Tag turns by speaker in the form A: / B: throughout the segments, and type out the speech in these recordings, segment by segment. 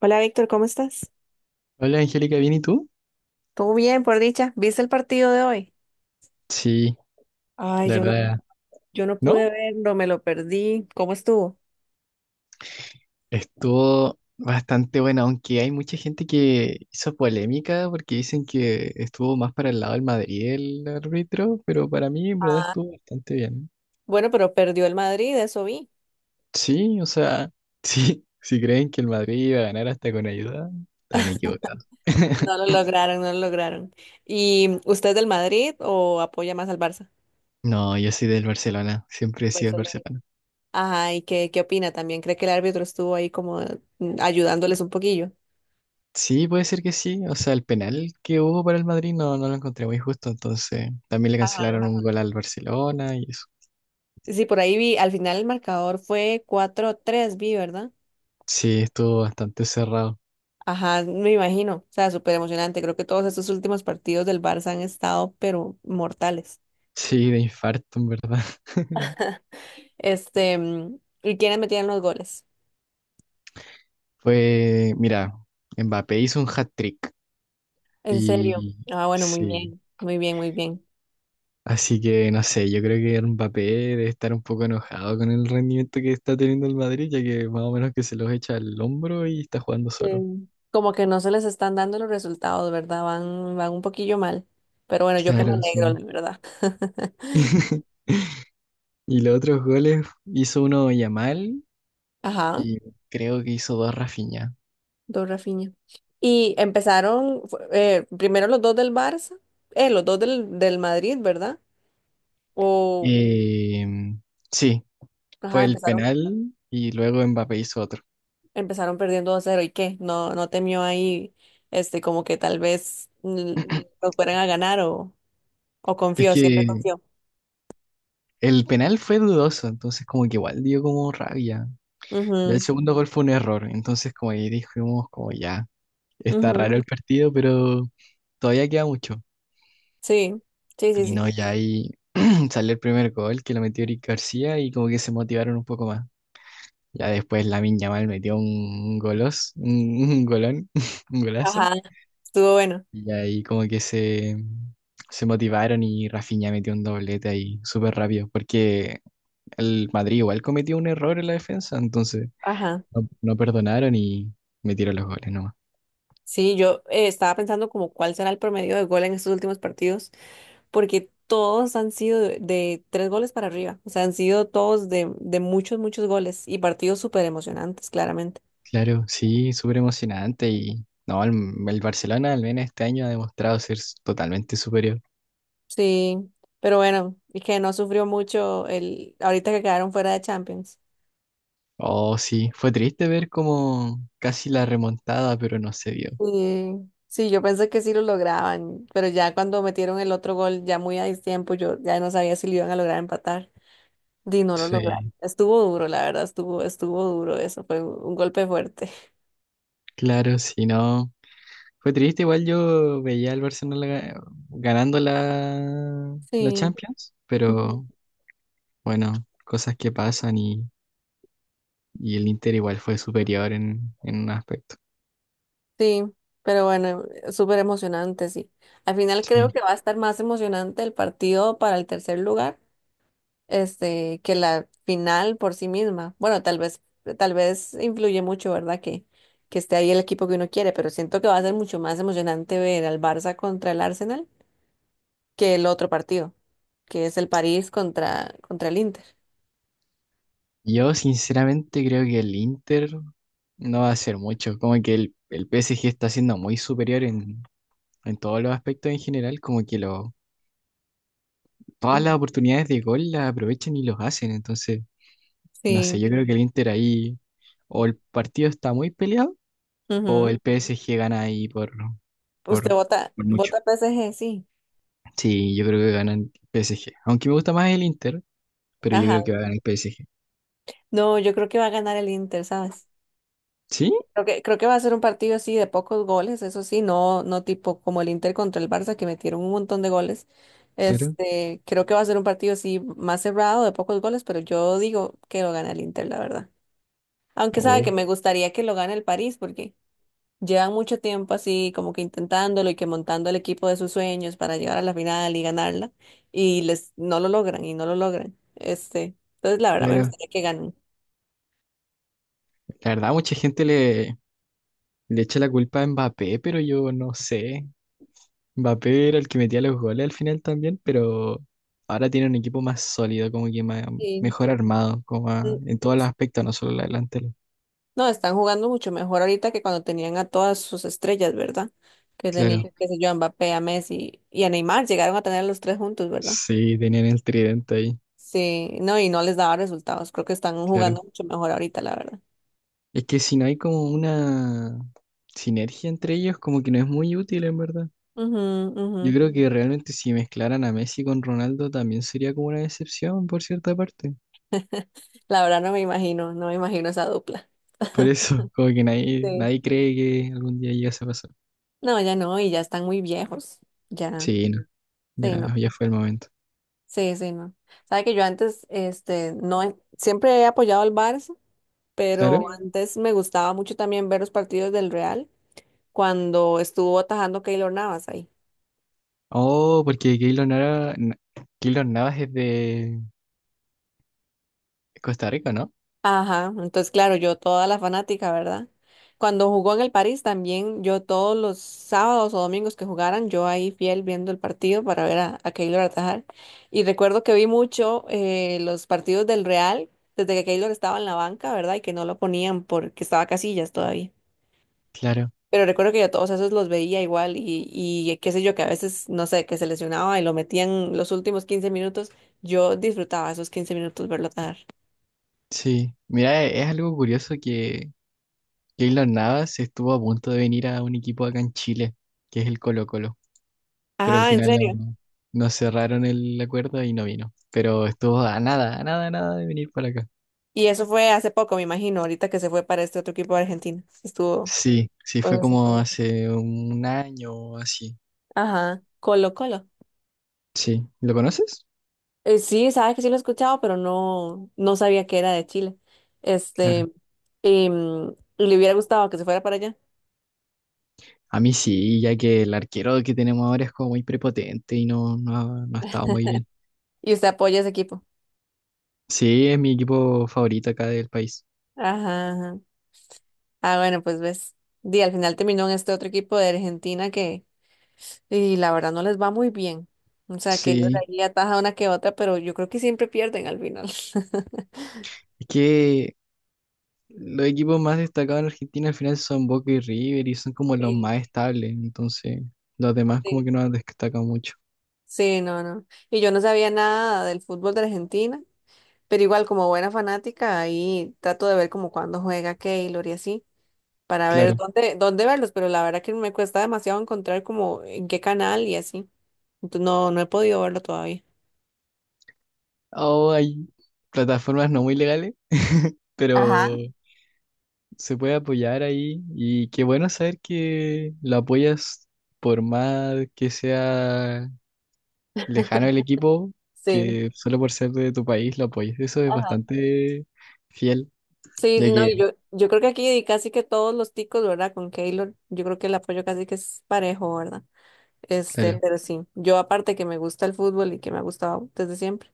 A: Hola Víctor, ¿cómo estás?
B: Hola Angélica, ¿bien y tú?
A: Todo bien, por dicha. ¿Viste el partido de hoy?
B: Sí,
A: Ay,
B: la
A: yo no,
B: verdad,
A: yo no
B: ¿no?
A: pude verlo, me lo perdí. ¿Cómo estuvo?
B: Estuvo bastante buena, aunque hay mucha gente que hizo polémica porque dicen que estuvo más para el lado del Madrid el árbitro, pero para mí en verdad
A: Ah,
B: estuvo bastante bien.
A: bueno, pero perdió el Madrid, eso vi.
B: Sí, o sea, sí, si creen que el Madrid iba a ganar hasta con ayuda, están equivocados.
A: No lo lograron, no lo lograron. ¿Y usted es del Madrid o apoya más al Barça?
B: No, yo soy del Barcelona, siempre he sido del
A: Barcelona.
B: Barcelona.
A: Ajá, ¿y qué opina también? ¿Cree que el árbitro estuvo ahí como ayudándoles un poquillo?
B: Sí, puede ser que sí. O sea, el penal que hubo para el Madrid no lo encontré muy justo. Entonces, también le
A: Ajá.
B: cancelaron un gol al Barcelona y eso.
A: Sí, por ahí vi, al final el marcador fue 4-3, vi, ¿verdad?
B: Sí, estuvo bastante cerrado.
A: Ajá, me imagino. O sea, súper emocionante. Creo que todos estos últimos partidos del Barça han estado, pero mortales.
B: Sí, de infarto, en verdad.
A: Este, ¿y quiénes metían los goles?
B: Fue, mira, Mbappé hizo un hat-trick.
A: ¿En serio?
B: Y
A: Ah, bueno, muy
B: sí.
A: bien, muy bien, muy bien.
B: Así que no sé, yo creo que Mbappé debe estar un poco enojado con el rendimiento que está teniendo el Madrid, ya que más o menos que se los echa al hombro y está jugando solo.
A: Sí. Como que no se les están dando los resultados, ¿verdad? Van un poquillo mal. Pero bueno, yo que me
B: Claro, no,
A: alegro,
B: sí.
A: la verdad.
B: Y los otros goles hizo uno Yamal
A: Ajá,
B: y creo que hizo dos Rafinha.
A: dos Rafinha. Y empezaron primero los dos del Barça, los dos del Madrid, ¿verdad? O,
B: Eh, sí, fue
A: ajá,
B: el
A: empezaron.
B: penal y luego Mbappé hizo otro.
A: Empezaron perdiendo 2 cero y qué, no temió ahí, este, como que tal vez nos fueran a ganar o
B: Es
A: confió, siempre
B: que
A: confió.
B: el penal fue dudoso, entonces como que igual dio como rabia. Ya el
A: Ujú,
B: segundo gol fue un error, entonces como ahí dijimos como ya, está
A: ujú,
B: raro el partido, pero todavía queda mucho.
A: sí, sí, sí,
B: Y
A: sí.
B: no, ya ahí salió el primer gol que lo metió Eric García y como que se motivaron un poco más. Ya después Lamine Yamal metió un golos, un golón, un golazo.
A: Ajá, estuvo bueno.
B: Y ahí como que se motivaron y Rafinha metió un doblete ahí súper rápido, porque el Madrid igual cometió un error en la defensa, entonces
A: Ajá.
B: no perdonaron y metieron los goles nomás.
A: Sí, yo estaba pensando como cuál será el promedio de gol en estos últimos partidos, porque todos han sido de tres goles para arriba, o sea, han sido todos de muchos, muchos goles y partidos súper emocionantes, claramente.
B: Claro, sí, súper emocionante y no, el Barcelona al menos este año ha demostrado ser s- totalmente superior.
A: Sí, pero bueno, y que no sufrió mucho el ahorita que quedaron fuera de Champions.
B: Oh, sí, fue triste ver como casi la remontada, pero no se vio.
A: Sí, sí, yo pensé que sí lo lograban, pero ya cuando metieron el otro gol, ya muy a tiempo, yo ya no sabía si lo iban a lograr empatar. Y no lo lograron.
B: Sí,
A: Estuvo duro, la verdad, estuvo duro eso, fue un golpe fuerte.
B: claro, sí, no. Fue triste, igual yo veía al Barcelona ga- ganando la
A: Sí,
B: Champions,
A: ujú,
B: pero bueno, cosas que pasan y el Inter igual fue superior en un aspecto.
A: sí, pero bueno, súper emocionante, sí. Al final creo
B: Sí.
A: que va a estar más emocionante el partido para el tercer lugar este, que la final por sí misma. Bueno, tal vez influye mucho, ¿verdad? Que esté ahí el equipo que uno quiere, pero siento que va a ser mucho más emocionante ver al Barça contra el Arsenal que el otro partido, que es el París contra el Inter.
B: Yo sinceramente creo que el Inter no va a hacer mucho, como que el PSG está siendo muy superior en todos los aspectos en general, como que lo, todas
A: Ujú.
B: las oportunidades de gol las aprovechan y los hacen, entonces, no sé,
A: Sí.
B: yo creo que el Inter ahí o el partido está muy peleado o
A: Ujú.
B: el PSG gana ahí
A: Usted
B: por...
A: vota,
B: por mucho.
A: vota PSG, sí.
B: Sí, yo creo que gana el PSG. Aunque me gusta más el Inter, pero yo
A: Ajá.
B: creo que va a ganar el PSG.
A: No, yo creo que va a ganar el Inter, ¿sabes?
B: ¿Sí?
A: Creo que va a ser un partido así de pocos goles, eso sí, no, no tipo como el Inter contra el Barça que metieron un montón de goles.
B: Claro.
A: Este, creo que va a ser un partido así más cerrado de pocos goles, pero yo digo que lo gana el Inter, la verdad. Aunque sabe que
B: Oh,
A: me gustaría que lo gane el París porque llevan mucho tiempo así como que intentándolo y que montando el equipo de sus sueños para llegar a la final y ganarla y les no lo logran y no lo logran. Este, entonces la verdad me
B: claro.
A: gustaría que ganen.
B: La verdad, mucha gente le echa la culpa a Mbappé, pero yo no sé. Mbappé era el que metía los goles al final también, pero ahora tiene un equipo más sólido, como que más-
A: Sí.
B: mejor armado, como a- en todos los aspectos, no solo la delantera.
A: No, están jugando mucho mejor ahorita que cuando tenían a todas sus estrellas, ¿verdad? Que
B: Claro.
A: tenían, qué sé yo, a Mbappé, a Messi y a Neymar, llegaron a tener a los tres juntos, ¿verdad?
B: Sí, tenían el tridente ahí.
A: Sí, no, y no les daba resultados. Creo que están
B: Claro.
A: jugando mucho mejor ahorita, la verdad.
B: Es que si no hay como una sinergia entre ellos, como que no es muy útil en verdad.
A: Ujú, ujú.
B: Yo creo que realmente si mezclaran a Messi con Ronaldo también sería como una decepción por cierta parte.
A: La verdad no me imagino, no me imagino esa dupla.
B: Por eso, como que nadie,
A: Sí.
B: nadie cree que algún día llegase a pasar.
A: No, ya no, y ya están muy viejos. Ya,
B: Sí, no,
A: sí, no.
B: ya, ya fue el momento.
A: Sí, sí, no. Sabe que yo antes, este, no, siempre he apoyado al Barça,
B: Claro.
A: pero
B: Sí.
A: antes me gustaba mucho también ver los partidos del Real. Cuando estuvo atajando Keylor Navas ahí.
B: Oh, porque Keylor Nava, Na- Keylor Navas es de Costa Rica, ¿no?
A: Ajá, entonces claro, yo toda la fanática, ¿verdad? Cuando jugó en el París también, yo todos los sábados o domingos que jugaran, yo ahí fiel viendo el partido para ver a Keylor atajar. Y recuerdo que vi mucho los partidos del Real desde que Keylor estaba en la banca, ¿verdad? Y que no lo ponían porque estaba Casillas todavía.
B: Claro,
A: Pero recuerdo que yo todos esos los veía igual y qué sé yo, que a veces, no sé, que se lesionaba y lo metían los últimos 15 minutos. Yo disfrutaba esos 15 minutos verlo dar.
B: sí. Mira, e- es algo curioso que Keylor Navas estuvo a punto de venir a un equipo acá en Chile, que es el Colo-Colo. Pero al
A: Ajá, en
B: final
A: serio.
B: no cerraron el acuerdo y no vino. Pero estuvo a nada, a nada, a nada de venir para acá.
A: Y eso fue hace poco, me imagino, ahorita que se fue para este otro equipo de Argentina. Estuvo.
B: Sí, sí, fue
A: Bueno, sí.
B: como hace un año o así.
A: Ajá, Colo Colo.
B: Sí, ¿lo conoces?
A: Sí, sabe que sí lo he escuchado, pero no, no sabía que era de Chile.
B: Claro.
A: Este, le hubiera gustado que se fuera para allá.
B: A mí sí, ya que el arquero que tenemos ahora es como muy prepotente y ha- no ha estado muy bien.
A: Y usted apoya a ese equipo.
B: Sí, es mi equipo favorito acá del país.
A: Ajá. Ajá. Ah, bueno, pues ves. Di, al final terminó en este otro equipo de Argentina que, y la verdad no les va muy bien. O sea, que ellos
B: Sí,
A: ahí ataja una que otra, pero yo creo que siempre pierden al final.
B: es que los equipos más destacados en Argentina al final son Boca y River y son como los
A: Sí,
B: más estables, entonces los demás como
A: sí.
B: que no han destacado mucho.
A: Sí, no, no. Y yo no sabía nada del fútbol de Argentina, pero igual como buena fanática, ahí trato de ver como cuándo juega Keylor y así, para ver
B: Claro.
A: dónde verlos, pero la verdad que me cuesta demasiado encontrar como en qué canal y así. Entonces no, no he podido verlo todavía.
B: O hay plataformas no muy legales, pero
A: Ajá.
B: se puede apoyar ahí y qué bueno saber que lo apoyas por más que sea lejano el equipo,
A: Sí.
B: que solo por ser de tu país lo apoyes. Eso es bastante fiel,
A: Sí,
B: ya
A: sí, no, y
B: que,
A: yo creo que aquí casi que todos los ticos, ¿verdad? Con Keylor, yo creo que el apoyo casi que es parejo, ¿verdad? Este,
B: claro,
A: pero sí, yo aparte que me gusta el fútbol y que me ha gustado desde siempre,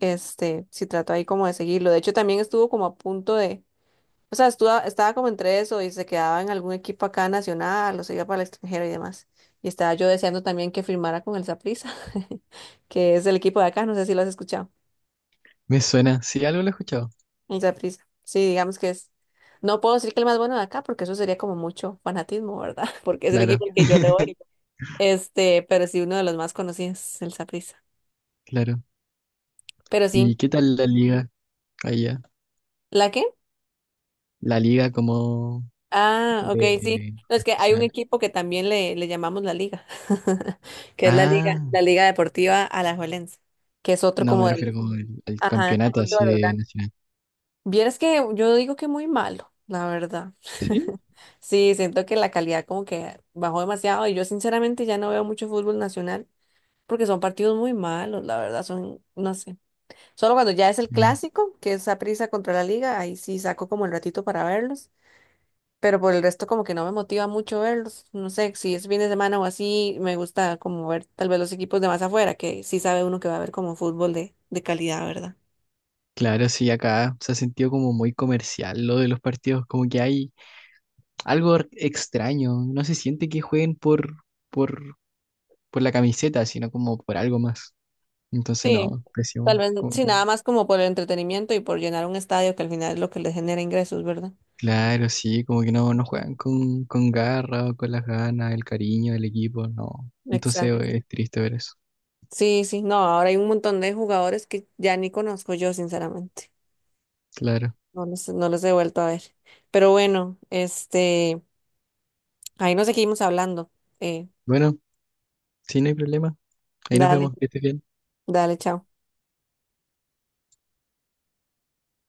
A: este, sí trato ahí como de seguirlo. De hecho, también estuvo como a punto de, o sea, estuvo, estaba como entre eso y se quedaba en algún equipo acá nacional o se iba para el extranjero y demás. Y estaba yo deseando también que firmara con el Saprissa, que es el equipo de acá, no sé si lo has escuchado.
B: me suena. Sí, algo lo he escuchado.
A: Y prisa, sí, digamos que es. No puedo decir que el más bueno de acá, porque eso sería como mucho fanatismo, ¿verdad? Porque es el
B: Claro,
A: equipo al que yo le voy. Este, pero sí, uno de los más conocidos, el Saprissa.
B: claro.
A: Pero sí.
B: ¿Y qué tal la liga allá?
A: ¿La qué?
B: La liga como
A: Ah, ok, sí.
B: de
A: No, es que hay un
B: nacional.
A: equipo que también le llamamos la Liga, que es
B: Ah,
A: La Liga Deportiva Alajuelense, que es otro
B: no,
A: como
B: me
A: de los,
B: refiero como al
A: ajá,
B: campeonato
A: otro
B: así
A: de los
B: de
A: grandes.
B: nacional.
A: Vieras que yo digo que muy malo, la verdad.
B: Sí.
A: Sí, siento que la calidad como que bajó demasiado y yo sinceramente ya no veo mucho fútbol nacional porque son partidos muy malos, la verdad, son, no sé. Solo cuando ya es el
B: Sí.
A: clásico, que es prisa contra la Liga, ahí sí saco como el ratito para verlos, pero por el resto como que no me motiva mucho verlos. No sé, si es fin de semana o así, me gusta como ver tal vez los equipos de más afuera, que sí sabe uno que va a ver como fútbol de calidad, ¿verdad?
B: Claro, sí, acá se ha sentido como muy comercial lo de los partidos, como que hay algo r- extraño, no se siente que jueguen por, por la camiseta, sino como por algo más. Entonces
A: Sí,
B: no,
A: tal
B: pésimo.
A: vez,
B: Como que-
A: sí, nada más como por el entretenimiento y por llenar un estadio que al final es lo que les genera ingresos, ¿verdad?
B: claro, sí, como que no, no juegan con garra, o con las ganas, el cariño del equipo, no. Entonces
A: Exacto.
B: es triste ver eso,
A: Sí, sí, no, ahora hay un montón de jugadores que ya ni conozco yo, sinceramente.
B: claro.
A: No los he vuelto a ver. Pero bueno, este, ahí nos seguimos hablando. Eh,
B: Bueno, sí, no hay problema. Ahí nos
A: dale,
B: vemos, que estés bien.
A: dale, chao.